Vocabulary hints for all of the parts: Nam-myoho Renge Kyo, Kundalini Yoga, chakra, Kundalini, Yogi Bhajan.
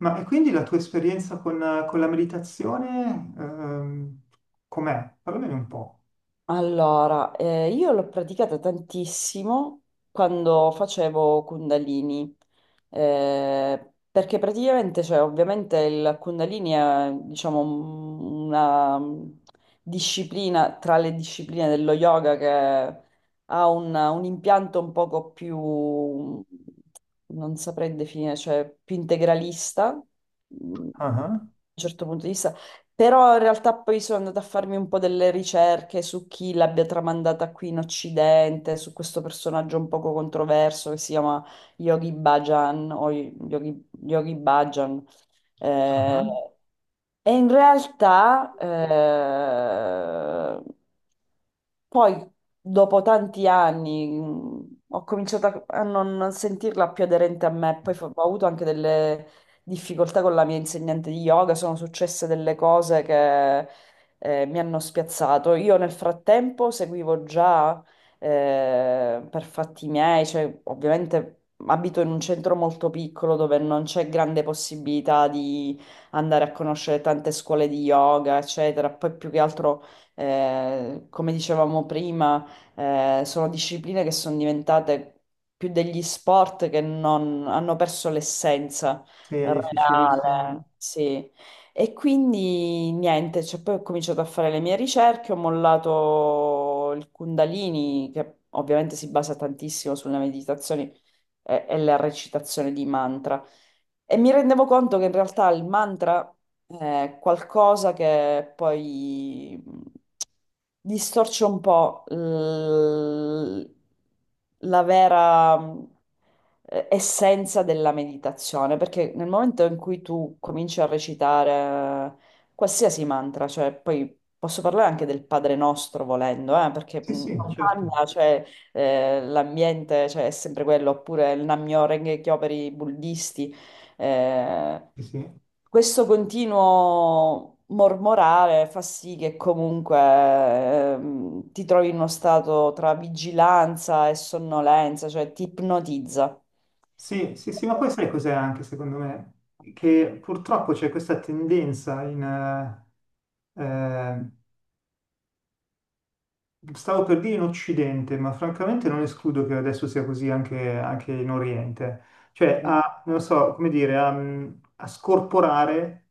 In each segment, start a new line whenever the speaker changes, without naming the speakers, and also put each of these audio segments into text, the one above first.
Ma e quindi la tua esperienza con la meditazione, com'è? Parlamene un po'.
Allora, io l'ho praticata tantissimo quando facevo Kundalini, perché praticamente, cioè, ovviamente il Kundalini è, diciamo, una disciplina tra le discipline dello yoga che ha un impianto un poco più, non saprei definire, cioè più integralista, da
Ah,
un certo punto di vista. Però in realtà poi sono andata a farmi un po' delle ricerche su chi l'abbia tramandata qui in Occidente, su questo personaggio un poco controverso che si chiama Yogi Bhajan o Yogi Bhajan. Eh,
ah,
e in realtà poi, dopo tanti anni, ho cominciato a non sentirla più aderente a me. Poi ho avuto anche delle difficoltà con la mia insegnante di yoga, sono successe delle cose che mi hanno spiazzato. Io nel frattempo seguivo già, per fatti miei, cioè ovviamente abito in un centro molto piccolo dove non c'è grande possibilità di andare a conoscere tante scuole di yoga, eccetera. Poi più che altro, come dicevamo prima, sono discipline che sono diventate più degli sport, che non hanno perso l'essenza
sì, è difficilissimo.
reale, sì. E quindi niente, cioè, poi ho cominciato a fare le mie ricerche, ho mollato il Kundalini, che ovviamente si basa tantissimo sulle meditazioni e la recitazione di mantra. E mi rendevo conto che in realtà il mantra è qualcosa che poi distorce un po' la vera, essenza della meditazione, perché nel momento in cui tu cominci a recitare qualsiasi mantra, cioè poi posso parlare anche del Padre Nostro volendo, perché
Sì, sì,
non
certo.
cambia, cioè l'ambiente, cioè, è sempre quello, oppure il Nam-myoho Renge Kyo per i buddisti. Eh,
Sì, sì.
Questo continuo mormorare fa sì che comunque ti trovi in uno stato tra vigilanza e sonnolenza, cioè ti ipnotizza.
Sì, sì, sì, ma poi sai cos'è anche secondo me? Che purtroppo c'è questa tendenza in, stavo per dire in Occidente, ma francamente non escludo che adesso sia così anche, anche in Oriente. Cioè, a, non so, come dire, a, a scorporare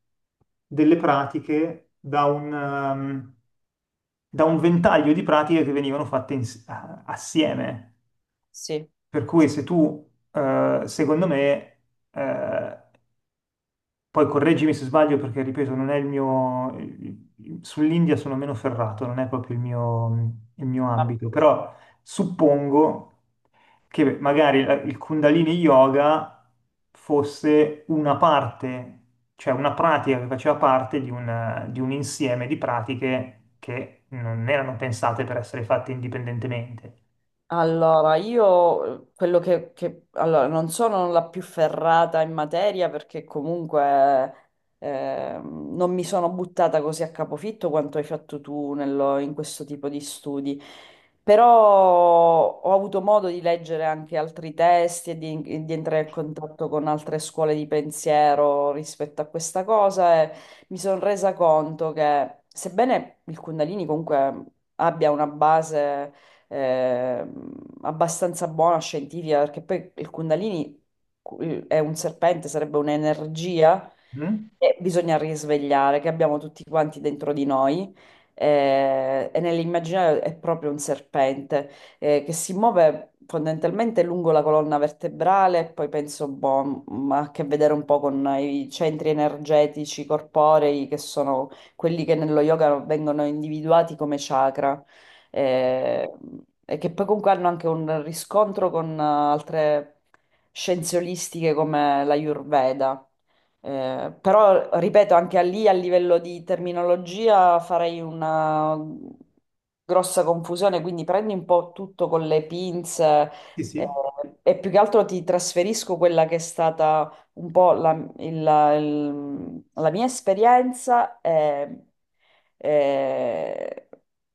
delle pratiche da un, da un ventaglio di pratiche che venivano fatte assieme.
Sì.
Per cui se tu, secondo me, eh, poi correggimi se sbaglio perché, ripeto, non è il mio... Sull'India sono meno ferrato, non è proprio il mio ambito, però suppongo che magari il Kundalini Yoga fosse una parte, cioè una pratica che faceva parte di un insieme di pratiche che non erano pensate per essere fatte indipendentemente.
Allora, io quello che, allora, non sono la più ferrata in materia perché comunque, non mi sono buttata così a capofitto quanto hai fatto tu in questo tipo di studi, però ho avuto modo di leggere anche altri testi e di entrare in contatto con altre scuole di pensiero rispetto a questa cosa. E mi sono resa conto che, sebbene il Kundalini comunque abbia una base, eh, abbastanza buona, scientifica, perché poi il Kundalini è un serpente, sarebbe un'energia
Mm?
che bisogna risvegliare, che abbiamo tutti quanti dentro di noi. E nell'immaginario è proprio un serpente, che si muove fondamentalmente lungo la colonna vertebrale, e poi penso, boh, ma ha a che vedere un po' con i centri energetici corporei, che sono quelli che nello yoga vengono individuati come chakra, eh, e che poi comunque hanno anche un riscontro con, altre scienze olistiche come l'Ayurveda. Però, ripeto, anche a lì a livello di terminologia farei una grossa confusione, quindi prendi un po' tutto con le pinze.
Sì,
eh,
sì.
e più che altro ti trasferisco quella che è stata un po' la, la mia esperienza,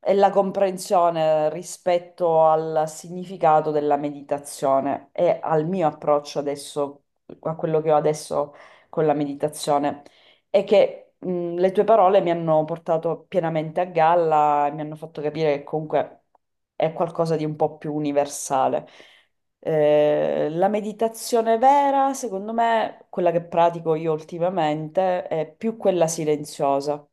e la comprensione rispetto al significato della meditazione e al mio approccio adesso, a quello che ho adesso con la meditazione, e che le tue parole mi hanno portato pienamente a galla e mi hanno fatto capire che comunque è qualcosa di un po' più universale. La meditazione vera, secondo me, quella che pratico io ultimamente, è più quella silenziosa.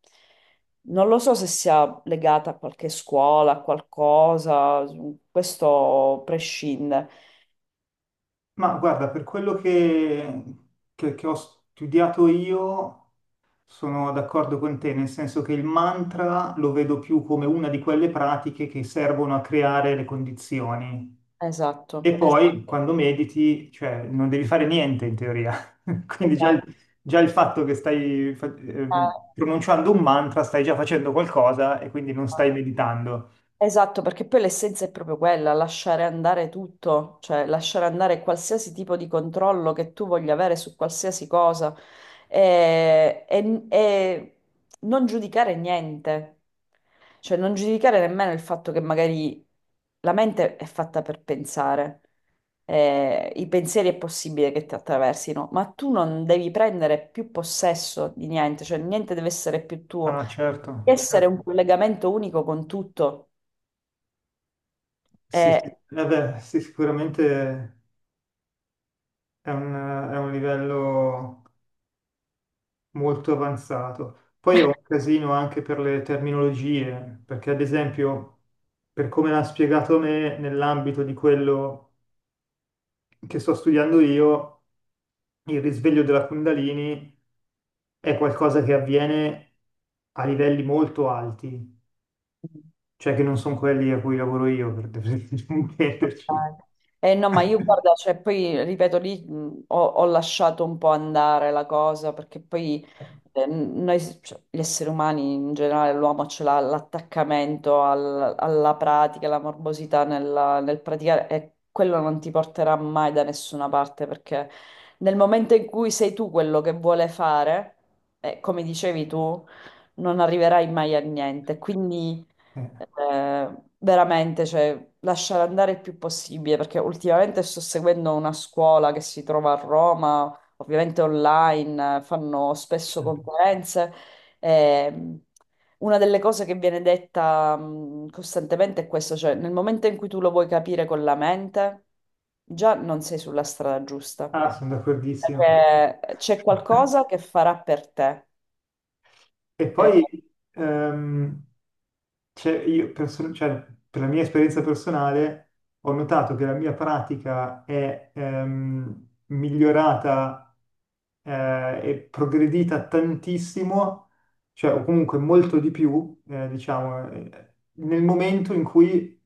Non lo so se sia legata a qualche scuola, a qualcosa, questo prescinde.
Ma guarda, per quello che ho studiato io, sono d'accordo con te, nel senso che il mantra lo vedo più come una di quelle pratiche che servono a creare le condizioni. E
Esatto, esatto,
poi quando mediti, cioè, non devi fare niente in teoria. Quindi
esatto.
già il fatto che stai pronunciando un mantra, stai già facendo qualcosa e quindi non
Eh,
stai meditando.
Esatto, perché poi l'essenza è proprio quella: lasciare andare tutto, cioè lasciare andare qualsiasi tipo di controllo che tu voglia avere su qualsiasi cosa e, e non giudicare niente, cioè non giudicare nemmeno il fatto che magari la mente è fatta per pensare, i pensieri è possibile che ti attraversino, ma tu non devi prendere più possesso di niente, cioè niente deve essere più tuo,
Ah, certo,
essere
certo.
un collegamento unico con tutto.
Sì, sì.
Eh,
Vabbè, sì, sicuramente è un livello molto avanzato. Poi è un casino anche per le terminologie, perché ad esempio, per come l'ha spiegato me, nell'ambito di quello che sto studiando io, il risveglio della Kundalini è qualcosa che avviene a livelli molto alti, cioè che non sono quelli a cui lavoro io, per intenderci.
no, ma io guarda, cioè, poi ripeto lì, ho lasciato un po' andare la cosa, perché poi noi, cioè, gli esseri umani in generale, l'uomo ce l'ha l'attaccamento alla pratica, la morbosità nel praticare, e quello non ti porterà mai da nessuna parte, perché nel momento in cui sei tu quello che vuole fare, come dicevi tu, non arriverai mai a niente. Quindi
Eh,
veramente, cioè, lasciare andare il più possibile, perché ultimamente sto seguendo una scuola che si trova a Roma, ovviamente online, fanno spesso
certo.
conferenze. E una delle cose che viene detta costantemente è questo, cioè nel momento in cui tu lo vuoi capire con la mente, già non sei sulla strada giusta,
Ah, sono d'accordissimo.
perché c'è qualcosa che farà per te.
E
Eh,
poi ehm, cioè, cioè, per la mia esperienza personale ho notato che la mia pratica è migliorata e progredita tantissimo, cioè, o comunque molto di più, diciamo, nel momento in cui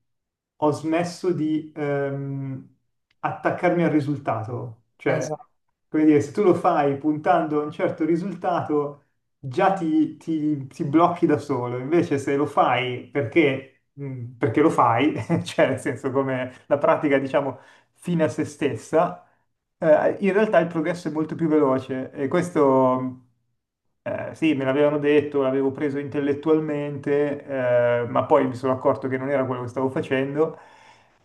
ho smesso di attaccarmi al risultato. Cioè,
esatto.
come dire, se tu lo fai puntando a un certo risultato già ti blocchi da solo, invece se lo fai perché, perché lo fai, cioè nel senso come la pratica diciamo fine a se stessa, in realtà il progresso è molto più veloce e questo sì, me l'avevano detto, l'avevo preso intellettualmente, ma poi mi sono accorto che non era quello che stavo facendo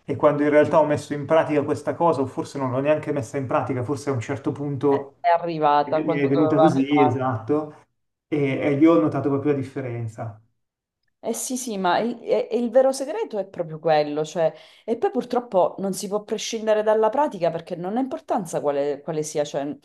e quando in realtà ho messo in pratica questa cosa, o forse non l'ho neanche messa in pratica, forse a un certo punto
È arrivata
mi è
quando
venuta
doveva
così,
arrivare.
esatto, e lì ho notato proprio la differenza.
Eh sì, sì, ma il, e il vero segreto è proprio quello, cioè, e poi purtroppo non si può prescindere dalla pratica, perché non ha importanza quale, quale sia, cioè,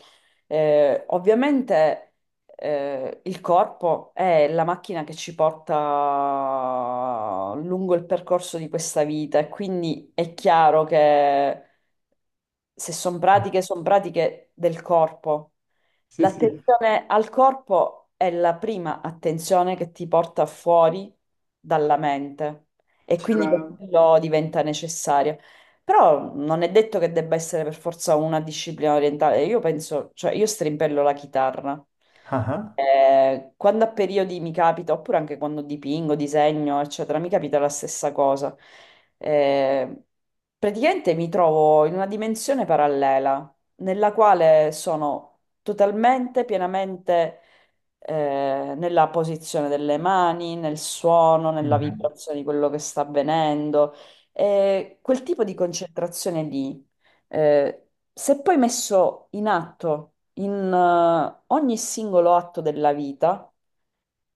ovviamente il corpo è la macchina che ci porta lungo il percorso di questa vita, e quindi è chiaro che se sono pratiche, sono pratiche del corpo.
Sì, sì,
L'attenzione al corpo è la prima attenzione che ti porta fuori dalla mente, e quindi per
c'era...
quello diventa necessaria. Però non è detto che debba essere per forza una disciplina orientale. Io penso, cioè io strimpello la chitarra.
Ah, ah.
Quando a periodi mi capita, oppure anche quando dipingo, disegno, eccetera, mi capita la stessa cosa. Eh, praticamente mi trovo in una dimensione parallela nella quale sono totalmente, pienamente, nella posizione delle mani, nel suono, nella
Mhm.
vibrazione di quello che sta avvenendo. E quel tipo di concentrazione lì, se poi messo in atto in ogni singolo atto della vita,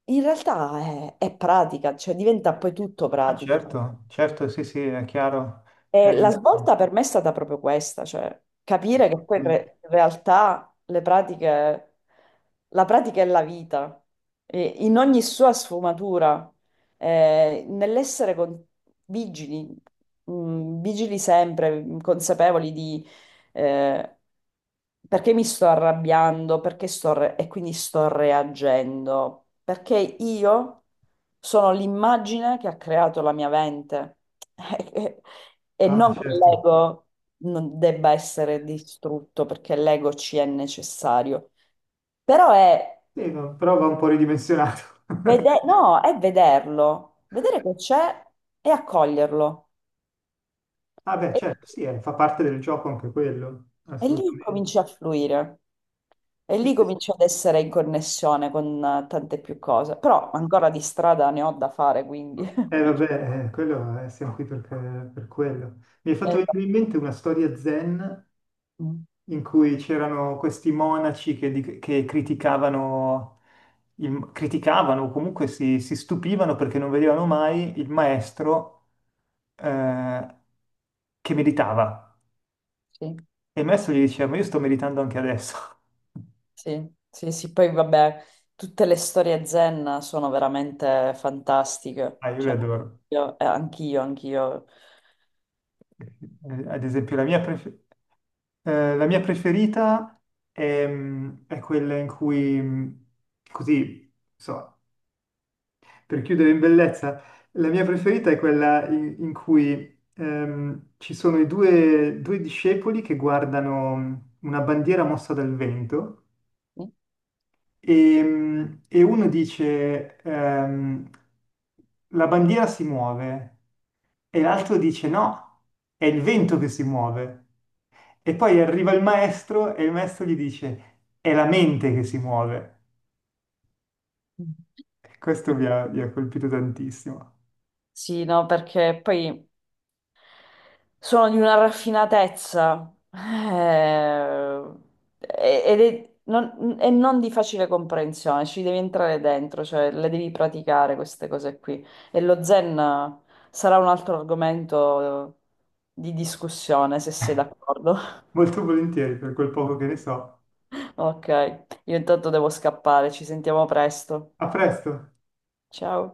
in realtà è pratica, cioè diventa poi tutto
Ah,
pratica.
certo, certo, sì, sì, è chiaro. Eh,
E la svolta per me è stata proprio questa, cioè capire che poi
assolutamente.
in realtà le pratiche, la pratica è la vita, e in ogni sua sfumatura, eh, nell'essere con- vigili, vigili sempre, consapevoli di eh, perché mi sto arrabbiando, perché e quindi sto reagendo, perché io sono l'immagine che ha creato la mia mente, e non
Ah,
che
certo.
l'ego non debba essere distrutto, perché l'ego ci è necessario, però è,
Sì, no, però va un po' ridimensionato.
no, è vederlo, vedere che c'è e accoglierlo,
Ah beh,
e,
certo, sì, fa parte del gioco anche quello,
e lì
assolutamente.
cominci a fluire. E
Sì,
lì
sì.
cominci ad essere in connessione con, tante più cose, però ancora di strada ne ho da fare, quindi.
Vabbè, quello, siamo qui per quello. Mi è fatto
Eh,
venire in mente una storia zen
mm,
in cui c'erano questi monaci che criticavano, criticavano o comunque si, si stupivano perché non vedevano mai il maestro eh, che meditava.
sì.
E il maestro gli diceva, ma io sto meditando anche adesso.
Sì, sì, sì, poi vabbè, tutte le storie zen sono veramente fantastiche,
Ah, io li
cioè,
adoro.
anch'io, anch'io.
Ad esempio, la mia preferita è, mm, è quella in cui, mm, così, insomma, per chiudere in bellezza, la mia preferita è quella in cui ci sono due discepoli che guardano una bandiera mossa dal vento e uno dice, la bandiera si muove e l'altro dice no, è il vento che si muove. E poi arriva il maestro e il maestro gli dice, è la mente che si muove. E questo mi ha colpito tantissimo.
Sì, no, perché poi sono di una raffinatezza, non, e non di facile comprensione, ci devi entrare dentro, cioè le devi praticare queste cose qui. E lo zen sarà un altro argomento di discussione, se sei d'accordo.
Molto volentieri per quel poco che ne so.
Ok, io intanto devo scappare, ci sentiamo presto.
A presto!
Ciao.